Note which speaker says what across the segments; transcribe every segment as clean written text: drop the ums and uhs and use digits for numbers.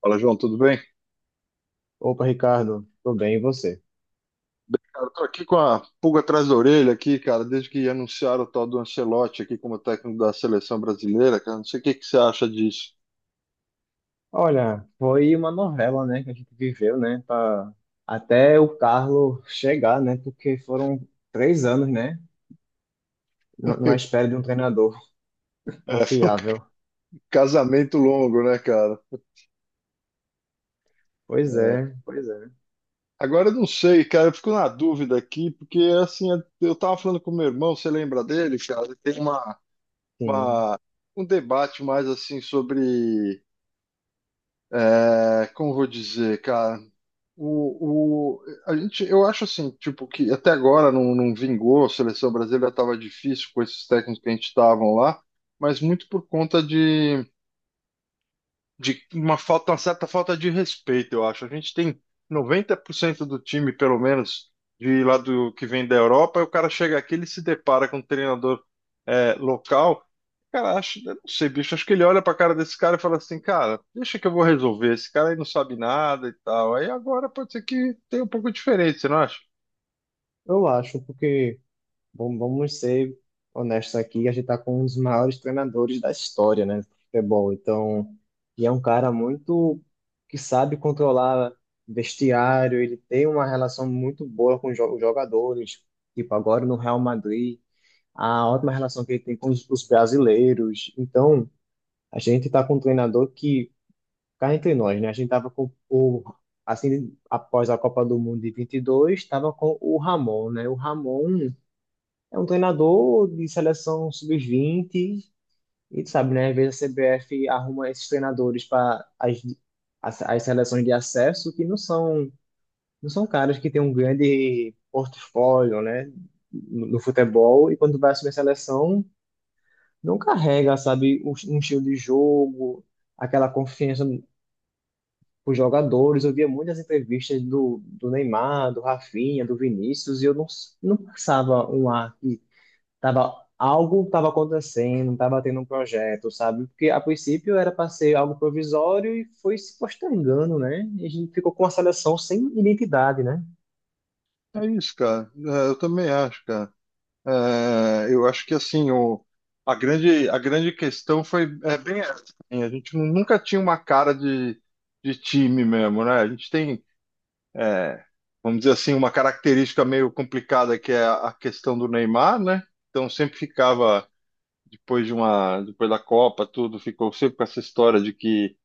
Speaker 1: Fala, João, tudo bem?
Speaker 2: Opa, Ricardo, tudo bem, e você?
Speaker 1: Bem, cara, eu tô aqui com a pulga atrás da orelha aqui, cara, desde que anunciaram o tal do Ancelotti aqui como técnico da seleção brasileira, cara, não sei o que que você acha disso.
Speaker 2: Olha, foi uma novela, né, que a gente viveu, né, até o Carlo chegar, né, porque foram 3 anos, né, na espera de um treinador
Speaker 1: É, foi um
Speaker 2: confiável.
Speaker 1: casamento longo, né, cara?
Speaker 2: Pois é,
Speaker 1: Agora eu não sei, cara, eu fico na dúvida aqui, porque assim, eu tava falando com meu irmão, você lembra dele, cara? Ele tem
Speaker 2: sim,
Speaker 1: uma- um debate mais assim sobre, como eu vou dizer, cara? A gente, eu acho assim, tipo, que até agora não vingou, a seleção brasileira estava difícil com esses técnicos que a gente estavam lá, mas muito por conta de uma falta, uma certa falta de respeito, eu acho. A gente tem 90% do time, pelo menos, de lá do que vem da Europa, e o cara chega aqui, ele se depara com um treinador local. Cara, acho, eu não sei, bicho, acho que ele olha pra cara desse cara e fala assim, cara, deixa que eu vou resolver, esse cara aí não sabe nada e tal. Aí agora pode ser que tenha um pouco de diferença, você não acha?
Speaker 2: eu acho, porque, bom, vamos ser honestos aqui. A gente está com um dos maiores treinadores da história, né, do futebol. Então, e é um cara muito que sabe controlar vestiário. Ele tem uma relação muito boa com os os jogadores, tipo agora no Real Madrid, a ótima relação que ele tem com os brasileiros. Então, a gente está com um treinador que, cá entre nós, né, a gente estava assim, após a Copa do Mundo de 22 estava com o Ramon, né, o Ramon é um treinador de seleção sub-20, e tu sabe, né? Às vezes a CBF arruma esses treinadores para as seleções de acesso que não são caras que têm um grande portfólio, né? No futebol, e quando vai assumir a seleção, não carrega, sabe, um estilo de jogo, aquela confiança com os jogadores. Eu via muitas entrevistas do Neymar, do Rafinha, do Vinícius, e eu não passava um ar. Tava, Algo estava acontecendo, estava tendo um projeto, sabe? Porque a princípio era para ser algo provisório e foi se postergando, né? E a gente ficou com a seleção sem identidade, né?
Speaker 1: É isso, cara. É, eu também acho, cara. É, eu acho que assim a grande questão foi bem essa. Assim, a gente nunca tinha uma cara de time mesmo, né? A gente tem é, vamos dizer assim uma característica meio complicada que é a questão do Neymar, né? Então sempre ficava depois de uma depois da Copa, tudo ficou sempre com essa história de que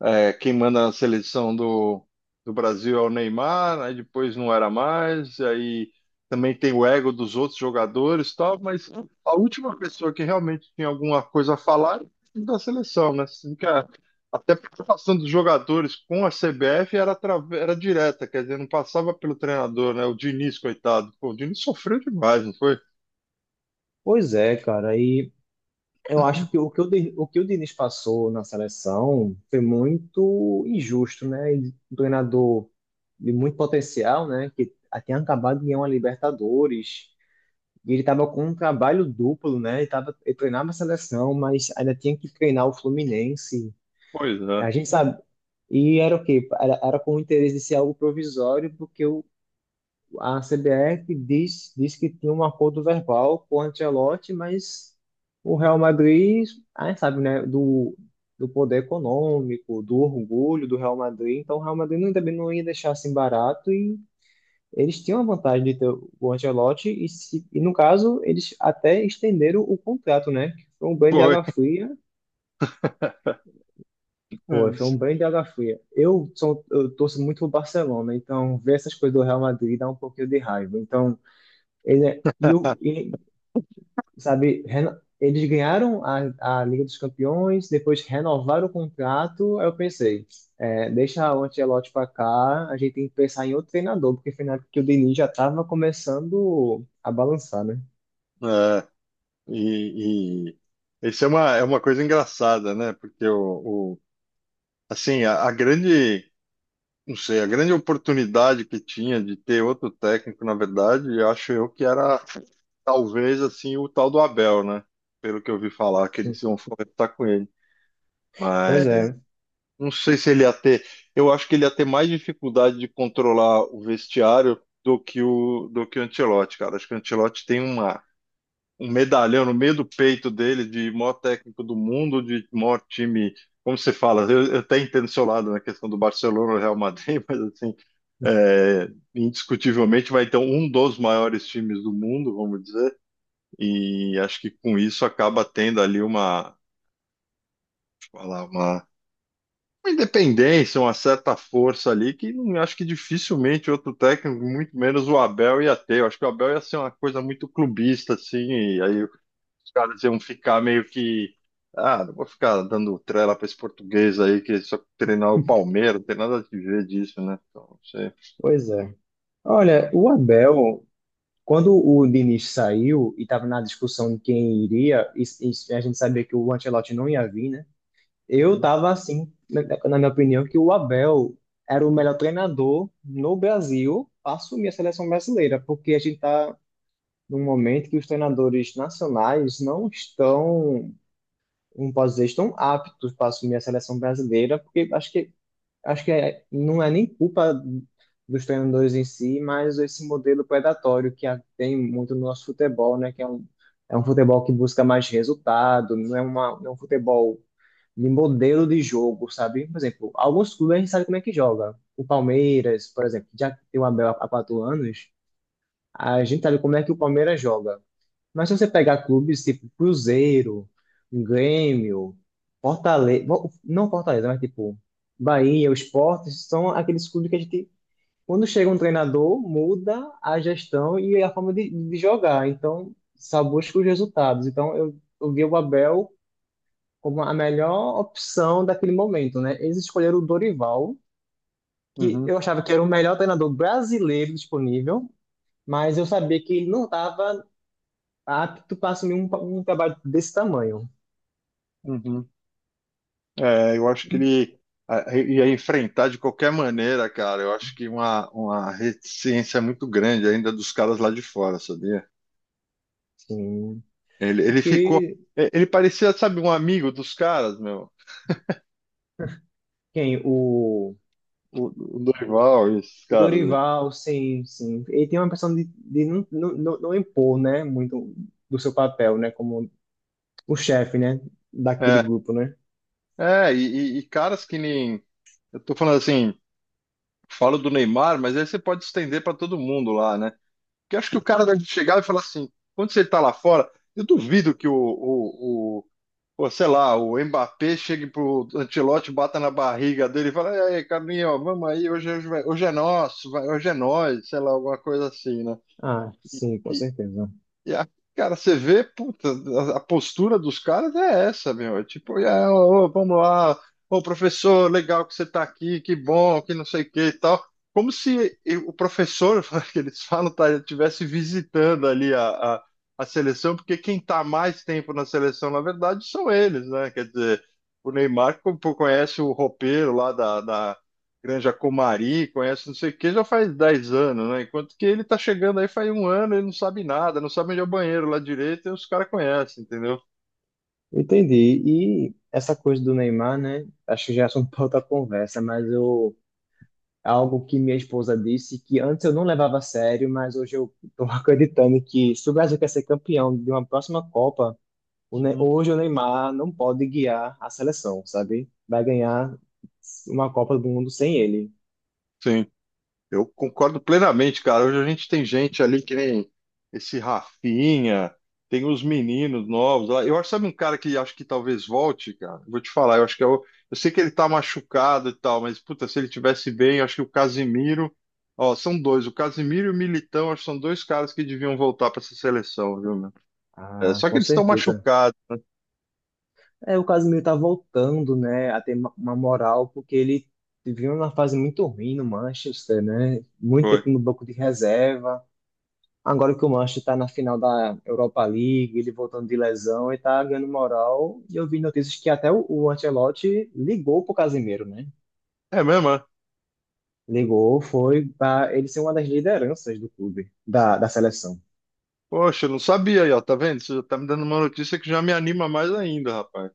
Speaker 1: quem manda na seleção do Brasil é o Neymar, aí depois não era mais, e aí também tem o ego dos outros jogadores e tal, mas a última pessoa que realmente tinha alguma coisa a falar era da seleção, né? Assim que até a preocupação dos jogadores com a CBF era, era direta, quer dizer, não passava pelo treinador, né? O Diniz, coitado. Pô, o Diniz sofreu demais, não foi?
Speaker 2: Pois é, cara. E eu acho que o que o Diniz passou na seleção foi muito injusto, né? E um treinador de muito potencial, né? Que tinha acabado de ganhar uma Libertadores. E ele estava com um trabalho duplo, né? Ele treinava a seleção, mas ainda tinha que treinar o Fluminense.
Speaker 1: Pois é.
Speaker 2: A gente sabe. E era o quê? Era com o interesse de ser algo provisório, porque a CBF diz que tinha um acordo verbal com o Ancelotti, mas o Real Madrid, a gente sabe, né? Do poder econômico, do orgulho do Real Madrid. Então o Real Madrid não, também não ia deixar assim barato, e eles tinham a vantagem de ter o Ancelotti e, se, e, no caso, eles até estenderam o contrato, né? Foi um banho de
Speaker 1: Foi.
Speaker 2: água fria. Pô, foi um banho de água fria. Eu torço muito pro Barcelona, então ver essas coisas do Real Madrid dá um pouquinho de raiva. Então, ele e, e, sabe, eles ganharam a Liga dos Campeões, depois renovaram o contrato. Aí eu pensei, é, deixa o Ancelotti pra cá, a gente tem que pensar em outro treinador, porque foi na época que o Diniz já tava começando a balançar, né?
Speaker 1: É. E, e isso é é uma coisa engraçada, né? Porque assim, não sei, a grande oportunidade que tinha de ter outro técnico, na verdade, eu acho eu que era talvez assim o tal do Abel, né? Pelo que eu ouvi falar, que eles iam conversar com ele. Mas
Speaker 2: Pois é,
Speaker 1: não sei se ele ia ter, eu acho que ele ia ter mais dificuldade de controlar o vestiário do que o Ancelotti, cara. Acho que o Ancelotti tem uma um medalhão no meio do peito dele de maior técnico do mundo, de maior time. Como você fala, eu até entendo o seu lado na questão do Barcelona e Real Madrid, mas assim, é, indiscutivelmente vai ter um dos maiores times do mundo, vamos dizer, e acho que com isso acaba tendo ali falar, uma, uma independência, uma certa força ali, que não acho que dificilmente outro técnico, muito menos o Abel, ia ter. Eu acho que o Abel ia ser uma coisa muito clubista, assim, e aí os caras iam ficar meio que. Ah, não vou ficar dando trela pra esse português aí que só treinar o Palmeiras, não tem nada a ver disso, né? Então, não sei.
Speaker 2: pois é. Olha, o Abel. Quando o Diniz saiu e estava na discussão de quem iria, e a gente sabia que o Ancelotti não ia vir, né? Eu
Speaker 1: Uhum,
Speaker 2: estava assim, na minha opinião, que o Abel era o melhor treinador no Brasil para assumir a seleção brasileira, porque a gente está num momento que os treinadores nacionais não estão, não posso dizer, estão aptos para assumir a seleção brasileira, porque acho que é, não é nem culpa dos treinadores em si, mas esse modelo predatório que tem muito no nosso futebol, né? Que é um futebol que busca mais resultado, não é, não é um futebol de modelo de jogo, sabe? Por exemplo, alguns clubes a gente sabe como é que joga. O Palmeiras, por exemplo, já tem o Abel há 4 anos, a gente sabe como é que o Palmeiras joga. Mas se você pegar clubes tipo Cruzeiro, Grêmio, Fortaleza, não Fortaleza, mas tipo Bahia, o Sport, são aqueles clubes que a gente, quando chega um treinador, muda a gestão e a forma de jogar. Então, só busca os resultados. Então, eu vi o Abel como a melhor opção daquele momento, né? Eles escolheram o Dorival, que
Speaker 1: uhum,
Speaker 2: eu achava que era o melhor treinador brasileiro disponível, mas eu sabia que ele não estava apto para assumir um trabalho desse tamanho.
Speaker 1: uhum. É, eu acho que ele ia enfrentar de qualquer maneira, cara. Eu acho que uma reticência muito grande ainda dos caras lá de fora, sabia?
Speaker 2: Sim,
Speaker 1: Ele ficou.
Speaker 2: porque
Speaker 1: Ele parecia, sabe, um amigo dos caras, meu.
Speaker 2: quem? O,
Speaker 1: O, o Dorival e esses
Speaker 2: o
Speaker 1: caras aí.
Speaker 2: Dorival, sim, sim. Ele tem uma questão de não, não, não impor, né, muito do seu papel, né, como o chefe, né, daquele
Speaker 1: É,
Speaker 2: grupo, né?
Speaker 1: e caras que nem. Eu tô falando assim. Falo do Neymar, mas aí você pode estender para todo mundo lá, né? Porque acho que o cara deve chegar e falar assim, quando você está lá fora, eu duvido que pô, sei lá, o Mbappé chegue pro Ancelotti, bata na barriga dele e fala, "E aí, Carlinhos, vamos aí, hoje, hoje, hoje é nosso, vai, hoje é nós", sei lá, alguma coisa assim, né?
Speaker 2: Ah, sim, com certeza.
Speaker 1: E a- cara, você vê, puta, a postura dos caras é essa, meu. É tipo, é, ô, ô, vamos lá, ô professor, legal que você tá aqui, que bom, que não sei o que e tal. Como se e- o professor, que eles falam, tá, ele estivesse visitando ali a seleção, porque quem tá mais tempo na seleção, na verdade, são eles, né? Quer dizer, o Neymar conhece o roupeiro lá da Granja Comari, conhece não sei o que, já faz 10 anos, né? Enquanto que ele tá chegando aí faz um ano, ele não sabe nada, não sabe onde é o banheiro lá direito, e os caras conhecem, entendeu?
Speaker 2: Entendi. E essa coisa do Neymar, né, acho que já é assunto para outra conversa, mas eu, é algo que minha esposa disse que antes eu não levava a sério, mas hoje eu estou acreditando que se o Brasil quer ser campeão de uma próxima Copa,
Speaker 1: Uhum.
Speaker 2: hoje o Neymar não pode guiar a seleção, sabe? Vai ganhar uma Copa do Mundo sem ele.
Speaker 1: Sim. Eu concordo plenamente, cara. Hoje a gente tem gente ali que nem esse Rafinha, tem os meninos novos lá. Eu acho, sabe um cara que acho que talvez volte, cara? Vou te falar, eu acho que é eu sei que ele tá machucado e tal, mas puta, se ele tivesse bem, eu acho que o Casimiro, ó, são dois, o Casimiro e o Militão, acho que são dois caras que deviam voltar pra essa seleção, viu, meu? É,
Speaker 2: Ah,
Speaker 1: só que
Speaker 2: com
Speaker 1: eles estão
Speaker 2: certeza.
Speaker 1: machucados.
Speaker 2: É, o Casemiro tá voltando, né, a ter uma moral, porque ele viveu numa fase muito ruim no Manchester, né? Muito
Speaker 1: Foi.
Speaker 2: tempo no banco de reserva. Agora que o Manchester tá na final da Europa League, ele voltando de lesão e tá ganhando moral. E eu vi notícias que até o Ancelotti ligou pro Casemiro, né?
Speaker 1: É mesmo, é?
Speaker 2: Ligou, foi para ele ser uma das lideranças do clube, da seleção.
Speaker 1: Poxa, eu não sabia aí, ó, tá vendo? Você já tá me dando uma notícia que já me anima mais ainda, rapaz.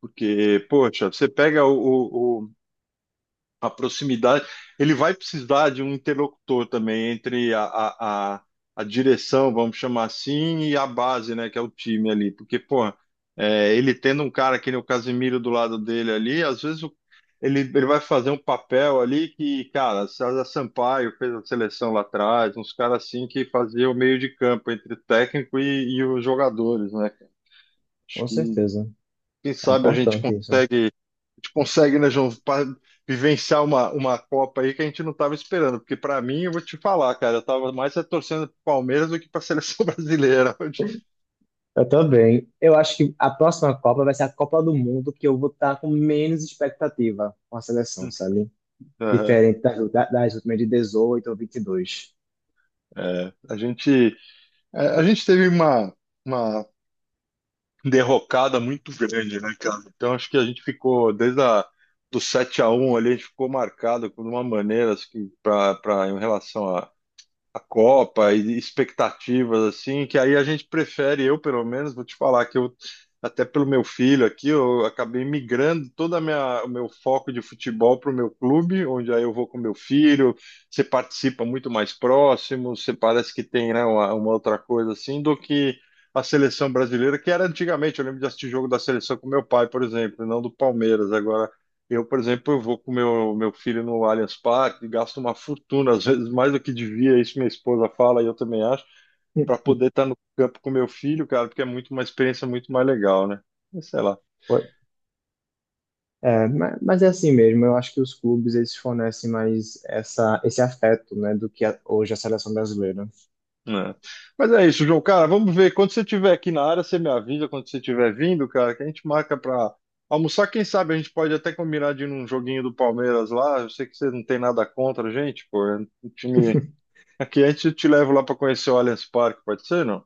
Speaker 1: Porque, poxa, você pega a proximidade, ele vai precisar de um interlocutor também entre a direção, vamos chamar assim, e a base, né, que é o time ali. Porque, pô, é, ele tendo um cara que nem o Casemiro do lado dele ali, às vezes ele vai fazer um papel ali que, cara, César Sampaio fez a seleção lá atrás, uns caras assim que faziam o meio de campo entre o técnico e os jogadores, né? Acho
Speaker 2: Com
Speaker 1: que,
Speaker 2: certeza.
Speaker 1: quem
Speaker 2: É
Speaker 1: sabe
Speaker 2: importante isso.
Speaker 1: a gente consegue, né, João, vivenciar uma Copa aí que a gente não estava esperando. Porque para mim, eu vou te falar, cara, eu estava mais é torcendo pro Palmeiras do que para a seleção brasileira.
Speaker 2: Eu também. Eu acho que a próxima Copa vai ser a Copa do Mundo que eu vou estar com menos expectativa com a seleção, sabe?
Speaker 1: Aham,
Speaker 2: Diferente das últimas de 18 ou 22.
Speaker 1: é. A gente teve uma derrocada muito grande, né, cara? Então acho que a gente ficou desde do 7-1 ali, a gente ficou marcado de uma maneira assim, em relação a Copa e expectativas assim, que aí a gente prefere, eu pelo menos, vou te falar que eu até pelo meu filho aqui, eu acabei migrando toda a minha, o meu foco de futebol para o meu clube, onde aí eu vou com meu filho, você participa muito mais próximo, você parece que tem, né, uma outra coisa assim, do que a seleção brasileira, que era antigamente, eu lembro de assistir jogo da seleção com meu pai, por exemplo, e não do Palmeiras. Agora, eu, por exemplo, eu vou com meu filho no Allianz Parque, gasto uma fortuna, às vezes mais do que devia, isso minha esposa fala e eu também acho, para poder estar no campo com meu filho, cara, porque é muito uma experiência muito mais legal, né? Mas sei lá.
Speaker 2: Foi- É, mas é assim mesmo. Eu acho que os clubes eles fornecem mais essa, esse afeto, né, do que hoje a seleção brasileira.
Speaker 1: Né? Mas é isso, João, cara, vamos ver. Quando você estiver aqui na área, você me avisa quando você estiver vindo, cara, que a gente marca para almoçar. Quem sabe a gente pode até combinar de ir num joguinho do Palmeiras lá. Eu sei que você não tem nada contra a gente, pô. É um time... Aqui a gente te leva lá para conhecer o Allianz Parque, pode ser, não?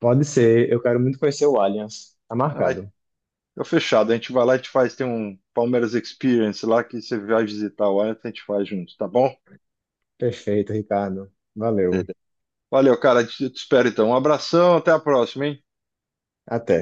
Speaker 2: Pode ser. Eu quero muito conhecer o Allianz. Tá
Speaker 1: Ah,
Speaker 2: marcado.
Speaker 1: fica fechado. A gente vai lá e te faz. Tem um Palmeiras Experience lá que você vai visitar o Allianz, a gente faz junto, tá bom?
Speaker 2: Perfeito, Ricardo. Valeu.
Speaker 1: Beleza. Valeu, cara. Eu te espero então. Um abração, até a próxima, hein?
Speaker 2: Até.